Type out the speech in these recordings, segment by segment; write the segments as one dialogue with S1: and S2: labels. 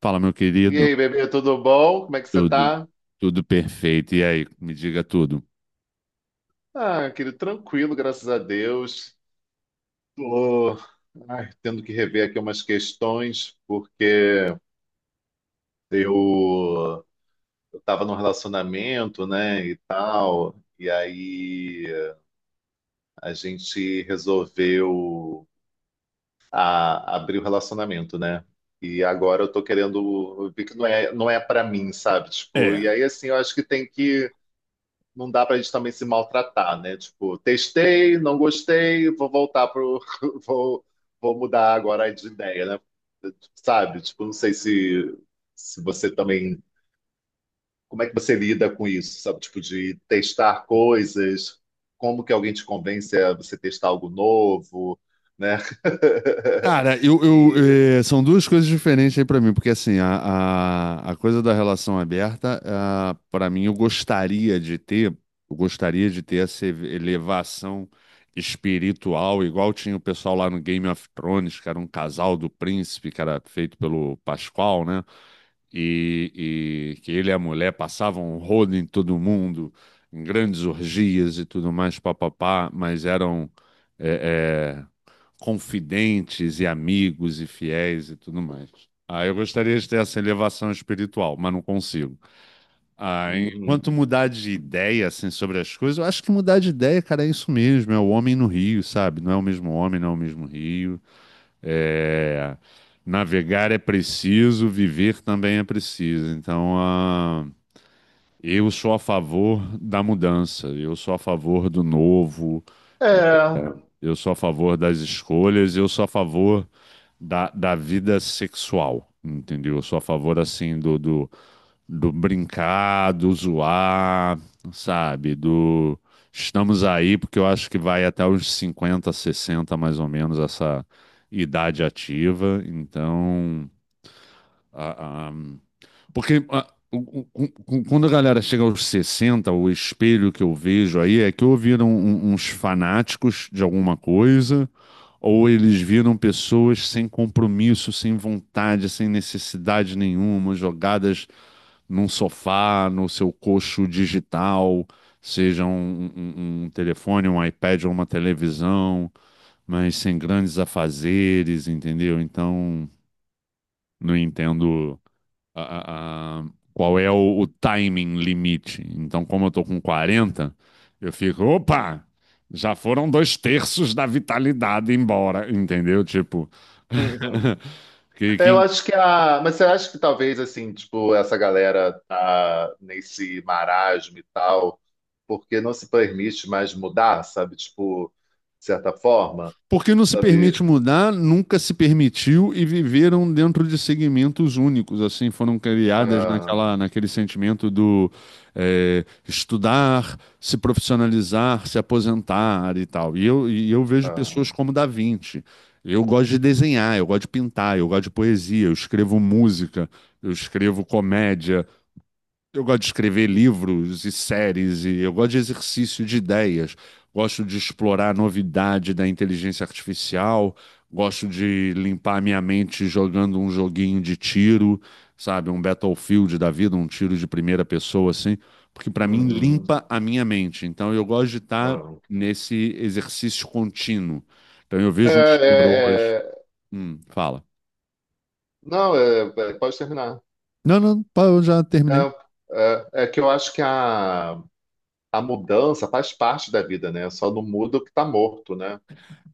S1: Fala, meu
S2: E
S1: querido.
S2: aí, bebê, tudo bom? Como é que você
S1: Tudo,
S2: tá?
S1: tudo perfeito. E aí, me diga tudo.
S2: Ah, querido, tranquilo, graças a Deus. Tô, ai, tendo que rever aqui umas questões, porque eu, eu tava num relacionamento, né, e tal, e aí a gente resolveu abrir o relacionamento, né? E agora eu tô querendo ver que não é para mim, sabe? Tipo,
S1: É.
S2: e aí assim, eu acho que não dá pra gente também se maltratar, né? Tipo, testei, não gostei, vou voltar pro. Vou, vou mudar agora de ideia, né? Sabe? Tipo, não sei se você também. Como é que você lida com isso, sabe? Tipo, de testar coisas, como que alguém te convence a você testar algo novo, né?
S1: Cara,
S2: E.
S1: são duas coisas diferentes aí pra mim, porque assim, a coisa da relação aberta, ah, pra mim, eu gostaria de ter essa elevação espiritual, igual tinha o pessoal lá no Game of Thrones, que era um casal do príncipe, que era feito pelo Pascoal, né? E que ele e a mulher passavam um rodo em todo mundo, em grandes orgias e tudo mais, papapá, mas eram eh, eh, confidentes e amigos e fiéis e tudo mais. Ah, eu gostaria de ter essa elevação espiritual, mas não consigo. Ah,
S2: Uhum.
S1: enquanto mudar de ideia, assim, sobre as coisas, eu acho que mudar de ideia, cara, é isso mesmo, é o homem no rio, sabe? Não é o mesmo homem, não é o mesmo rio. É, navegar é preciso, viver também é preciso. Então, ah, eu sou a favor da mudança, eu sou a favor do novo,
S2: É.
S1: eu sou a favor das escolhas, eu sou a favor da vida sexual, entendeu? Eu sou a favor, assim, do brincar, do zoar, sabe? Do estamos aí, porque eu acho que vai até os 50, 60 mais ou menos, essa idade ativa. Então, a, a- porque ah, quando a galera chega aos 60, o espelho que eu vejo aí é que ou viram uns fanáticos de alguma coisa, ou eles viram pessoas sem compromisso, sem vontade, sem necessidade nenhuma, jogadas num sofá, no seu coxo digital, seja um telefone, um iPad ou uma televisão, mas sem grandes afazeres, entendeu? Então, não entendo a- a- a- qual é o timing limite. Então, como eu tô com 40, eu fico, opa, já foram dois terços da vitalidade embora, entendeu? Tipo, que,
S2: É, eu
S1: que
S2: acho que a. Mas você acha que talvez, assim, tipo, essa galera tá nesse marasmo e tal, porque não se permite mais mudar, sabe? Tipo, de certa forma,
S1: Porque não se
S2: sabe?
S1: permite mudar, nunca se permitiu e viveram dentro de segmentos únicos, assim, foram criadas
S2: Ah,
S1: naquela, naquele sentimento do é, estudar, se profissionalizar, se aposentar e tal. E eu vejo
S2: ah,
S1: pessoas como Da Vinci. Eu gosto de desenhar, eu gosto de pintar, eu gosto de poesia, eu escrevo música, eu escrevo comédia, eu gosto de escrever livros e séries, e eu gosto de exercício de ideias, gosto de explorar a novidade da inteligência artificial, gosto de limpar a minha mente jogando um joguinho de tiro, sabe? Um Battlefield da vida, um tiro de primeira pessoa, assim, porque para mim
S2: uhum,
S1: limpa a minha mente. Então eu gosto de estar
S2: ah.
S1: nesse exercício contínuo. Então eu
S2: É,
S1: vejo uns coroas.
S2: é, é,
S1: Fala.
S2: Não, pode terminar.
S1: Não, não, pá, eu já terminei.
S2: É, é que eu acho a mudança faz parte da vida, né? Só não muda o que tá morto, né?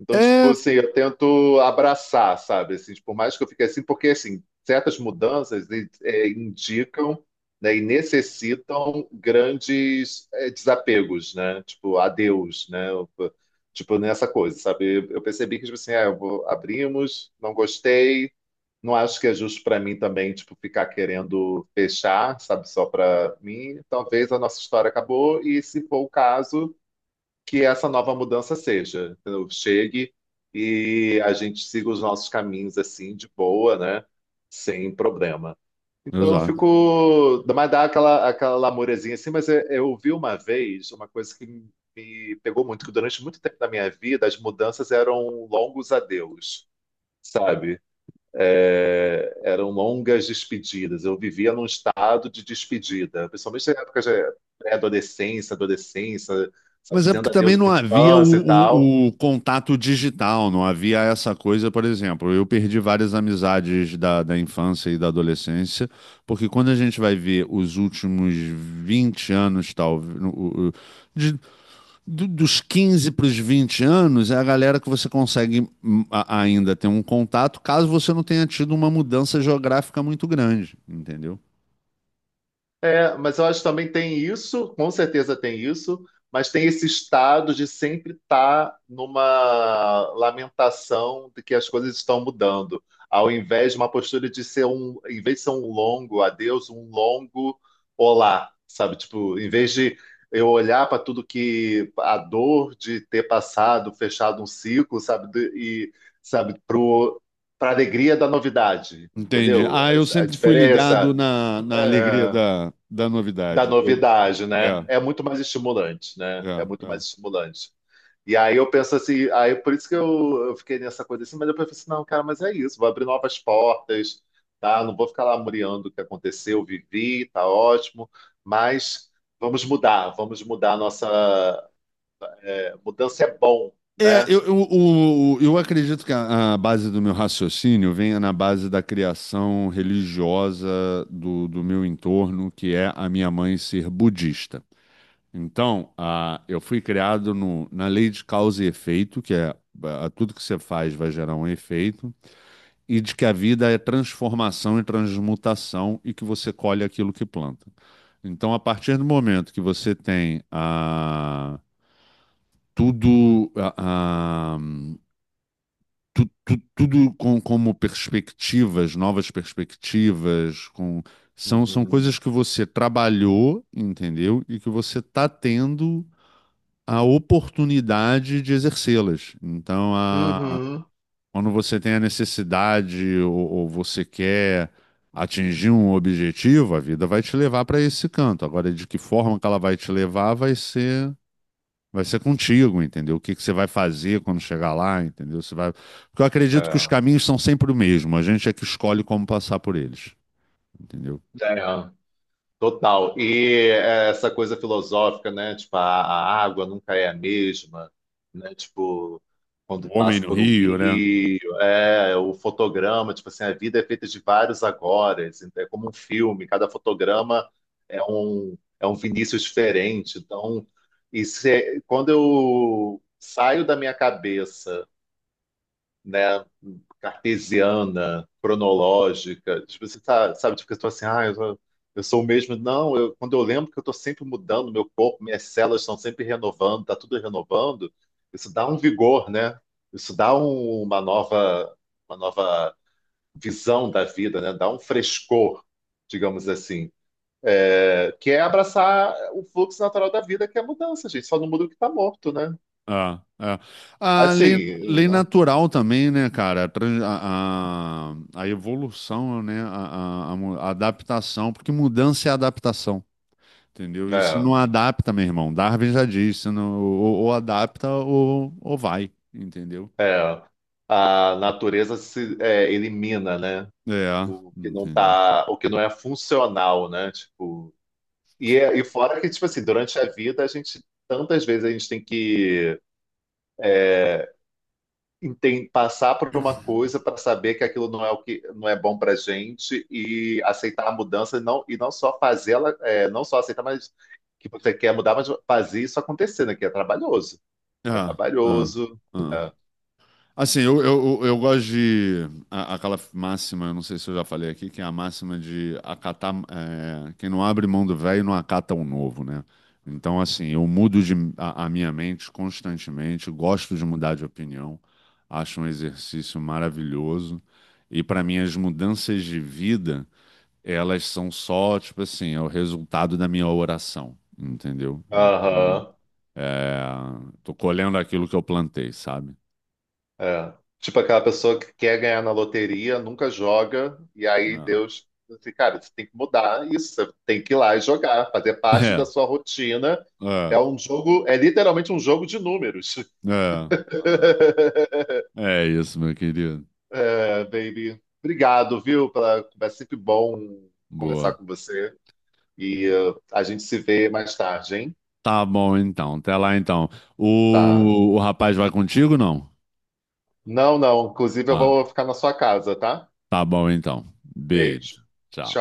S2: Então, tipo
S1: É,
S2: assim, eu tento abraçar, sabe? Assim, tipo, por mais que eu fique assim, porque assim, certas mudanças é, indicam, né, e necessitam grandes é, desapegos, né? Tipo, adeus, né? Eu- Tipo, nessa coisa, sabe? Eu percebi que, tipo assim, ah, abrimos, não gostei, não acho que é justo para mim também, tipo, ficar querendo fechar, sabe? Só para mim. Talvez a nossa história acabou e, se for o caso que essa nova mudança seja, entendeu? Chegue e a gente siga os nossos caminhos assim, de boa, né? Sem problema. Então eu
S1: exato.
S2: fico. Mas dá aquela lamurezinha assim, mas eu vi uma vez uma coisa que me pegou muito, que durante muito tempo da minha vida as mudanças eram longos adeus, sabe? É, eram longas despedidas. Eu vivia num estado de despedida, principalmente na época de pré-adolescência, adolescência, sabe,
S1: Mas é porque
S2: dizendo
S1: também
S2: adeus
S1: não
S2: à
S1: havia
S2: infância e tal.
S1: o contato digital, não havia essa coisa, por exemplo. Eu perdi várias amizades da infância e da adolescência, porque quando a gente vai ver os últimos 20 anos, talvez, dos 15 para os 20 anos, é a galera que você consegue ainda ter um contato, caso você não tenha tido uma mudança geográfica muito grande, entendeu?
S2: É, mas eu acho que também tem isso, com certeza tem isso, mas tem esse estado de sempre estar numa lamentação de que as coisas estão mudando, ao invés de uma postura de ser um, em vez de ser um longo adeus, um longo olá, sabe? Tipo, em vez de eu olhar para tudo que a dor de ter passado, fechado um ciclo, sabe? Do- E sabe, pro para alegria da novidade,
S1: Entendi.
S2: entendeu?
S1: Ah, eu
S2: A
S1: sempre fui ligado
S2: diferença
S1: na alegria
S2: é,
S1: da
S2: da
S1: novidade. Eu-
S2: novidade, né?
S1: é.
S2: É muito mais estimulante,
S1: É,
S2: né? É muito
S1: é.
S2: mais estimulante. E aí eu penso assim, aí por isso que eu fiquei nessa coisa assim, mas eu pensei, assim, não, cara, mas é isso, vou abrir novas portas, tá? Não vou ficar lá muriando o que aconteceu, vivi, tá ótimo, mas vamos mudar a nossa. É, mudança é bom,
S1: É,
S2: né?
S1: eu acredito que a base do meu raciocínio venha na base da criação religiosa do meu entorno, que é a minha mãe ser budista. Então, eu fui criado na lei de causa e efeito, que é tudo que você faz vai gerar um efeito, e de que a vida é transformação e transmutação e que você colhe aquilo que planta. Então, a partir do momento que você tem a tudo, ah, tudo com, como perspectivas, novas perspectivas, com, são
S2: Uhum.
S1: coisas que você trabalhou, entendeu? E que você está tendo a oportunidade de exercê-las. Então,
S2: Uhum.
S1: quando você tem a necessidade ou você quer atingir um objetivo, a vida vai te levar para esse canto. Agora, de que forma que ela vai te levar. Vai ser contigo, entendeu? O que que você vai fazer quando chegar lá, entendeu? Você vai. Porque eu acredito que os
S2: É.
S1: caminhos são sempre o mesmo. A gente é que escolhe como passar por eles, entendeu?
S2: É. Total. E é, essa coisa filosófica, né? Tipo, a água nunca é a mesma, né? Tipo, quando
S1: O homem
S2: passa
S1: no
S2: por um
S1: Rio, né?
S2: rio, é, o fotograma, tipo assim, a vida é feita de vários agoras, então é como um filme, cada fotograma é um Vinícius diferente. Então, isso é- quando eu saio da minha cabeça né, cartesiana, cronológica. Tipo, você tá, sabe, tipo, que eu tô assim, ah, eu sou o mesmo. Não, eu, quando eu lembro que eu tô sempre mudando meu corpo, minhas células estão sempre renovando, tá tudo renovando, isso dá um vigor, né? Isso dá um- uma nova visão da vida, né? Dá um frescor, digamos assim. É, que é abraçar o fluxo natural da vida, que é a mudança, gente. Só não muda o que está morto, né?
S1: Ah, é. A lei,
S2: Assim,
S1: lei
S2: né?
S1: natural também, né, cara? A evolução, né? A adaptação, porque mudança é adaptação, entendeu? E se
S2: É.
S1: não adapta, meu irmão, Darwin já disse, se não, ou adapta ou vai, entendeu?
S2: É, a natureza se é, elimina, né?
S1: É,
S2: O que não
S1: entendeu?
S2: tá, o que não é funcional, né? Tipo, e, é- e fora que, tipo assim, durante a vida a gente tantas vezes a gente tem que é, enten- passar por uma coisa para saber que aquilo não é o que não é bom para gente e aceitar a mudança e não só fazê-la, é, não só aceitar, mas que você quer mudar, mas fazer isso acontecer, né? Que é trabalhoso,
S1: É,
S2: é
S1: é,
S2: trabalhoso.
S1: é.
S2: É.
S1: Assim, eu gosto de aquela máxima, eu não sei se eu já falei aqui, que é a máxima de acatar, é, quem não abre mão do velho não acata o novo, né? Então, assim, eu mudo a minha mente constantemente, gosto de mudar de opinião, acho um exercício maravilhoso. E para mim, as mudanças de vida, elas são só, tipo assim, é o resultado da minha oração, entendeu? Então.
S2: Aham.
S1: É, tô colhendo aquilo que eu plantei, sabe?
S2: É. Tipo aquela pessoa que quer ganhar na loteria, nunca joga, e aí
S1: Não.
S2: Deus, assim, cara, você tem que mudar isso, você tem que ir lá e jogar, fazer parte da sua rotina.
S1: É,
S2: É
S1: é,
S2: um jogo, é literalmente um jogo de números.
S1: é, é. É isso, meu querido.
S2: É, baby, obrigado, viu, pela conversa. É sempre bom conversar
S1: Boa.
S2: com você. E a gente se vê mais tarde, hein?
S1: Tá bom, então. Até lá, então.
S2: Tá.
S1: O rapaz vai contigo, não?
S2: Não, não. Inclusive, eu
S1: Ah,
S2: vou ficar na sua casa, tá?
S1: tá bom, então.
S2: Beijo.
S1: Beijo. Tchau.
S2: Tchau.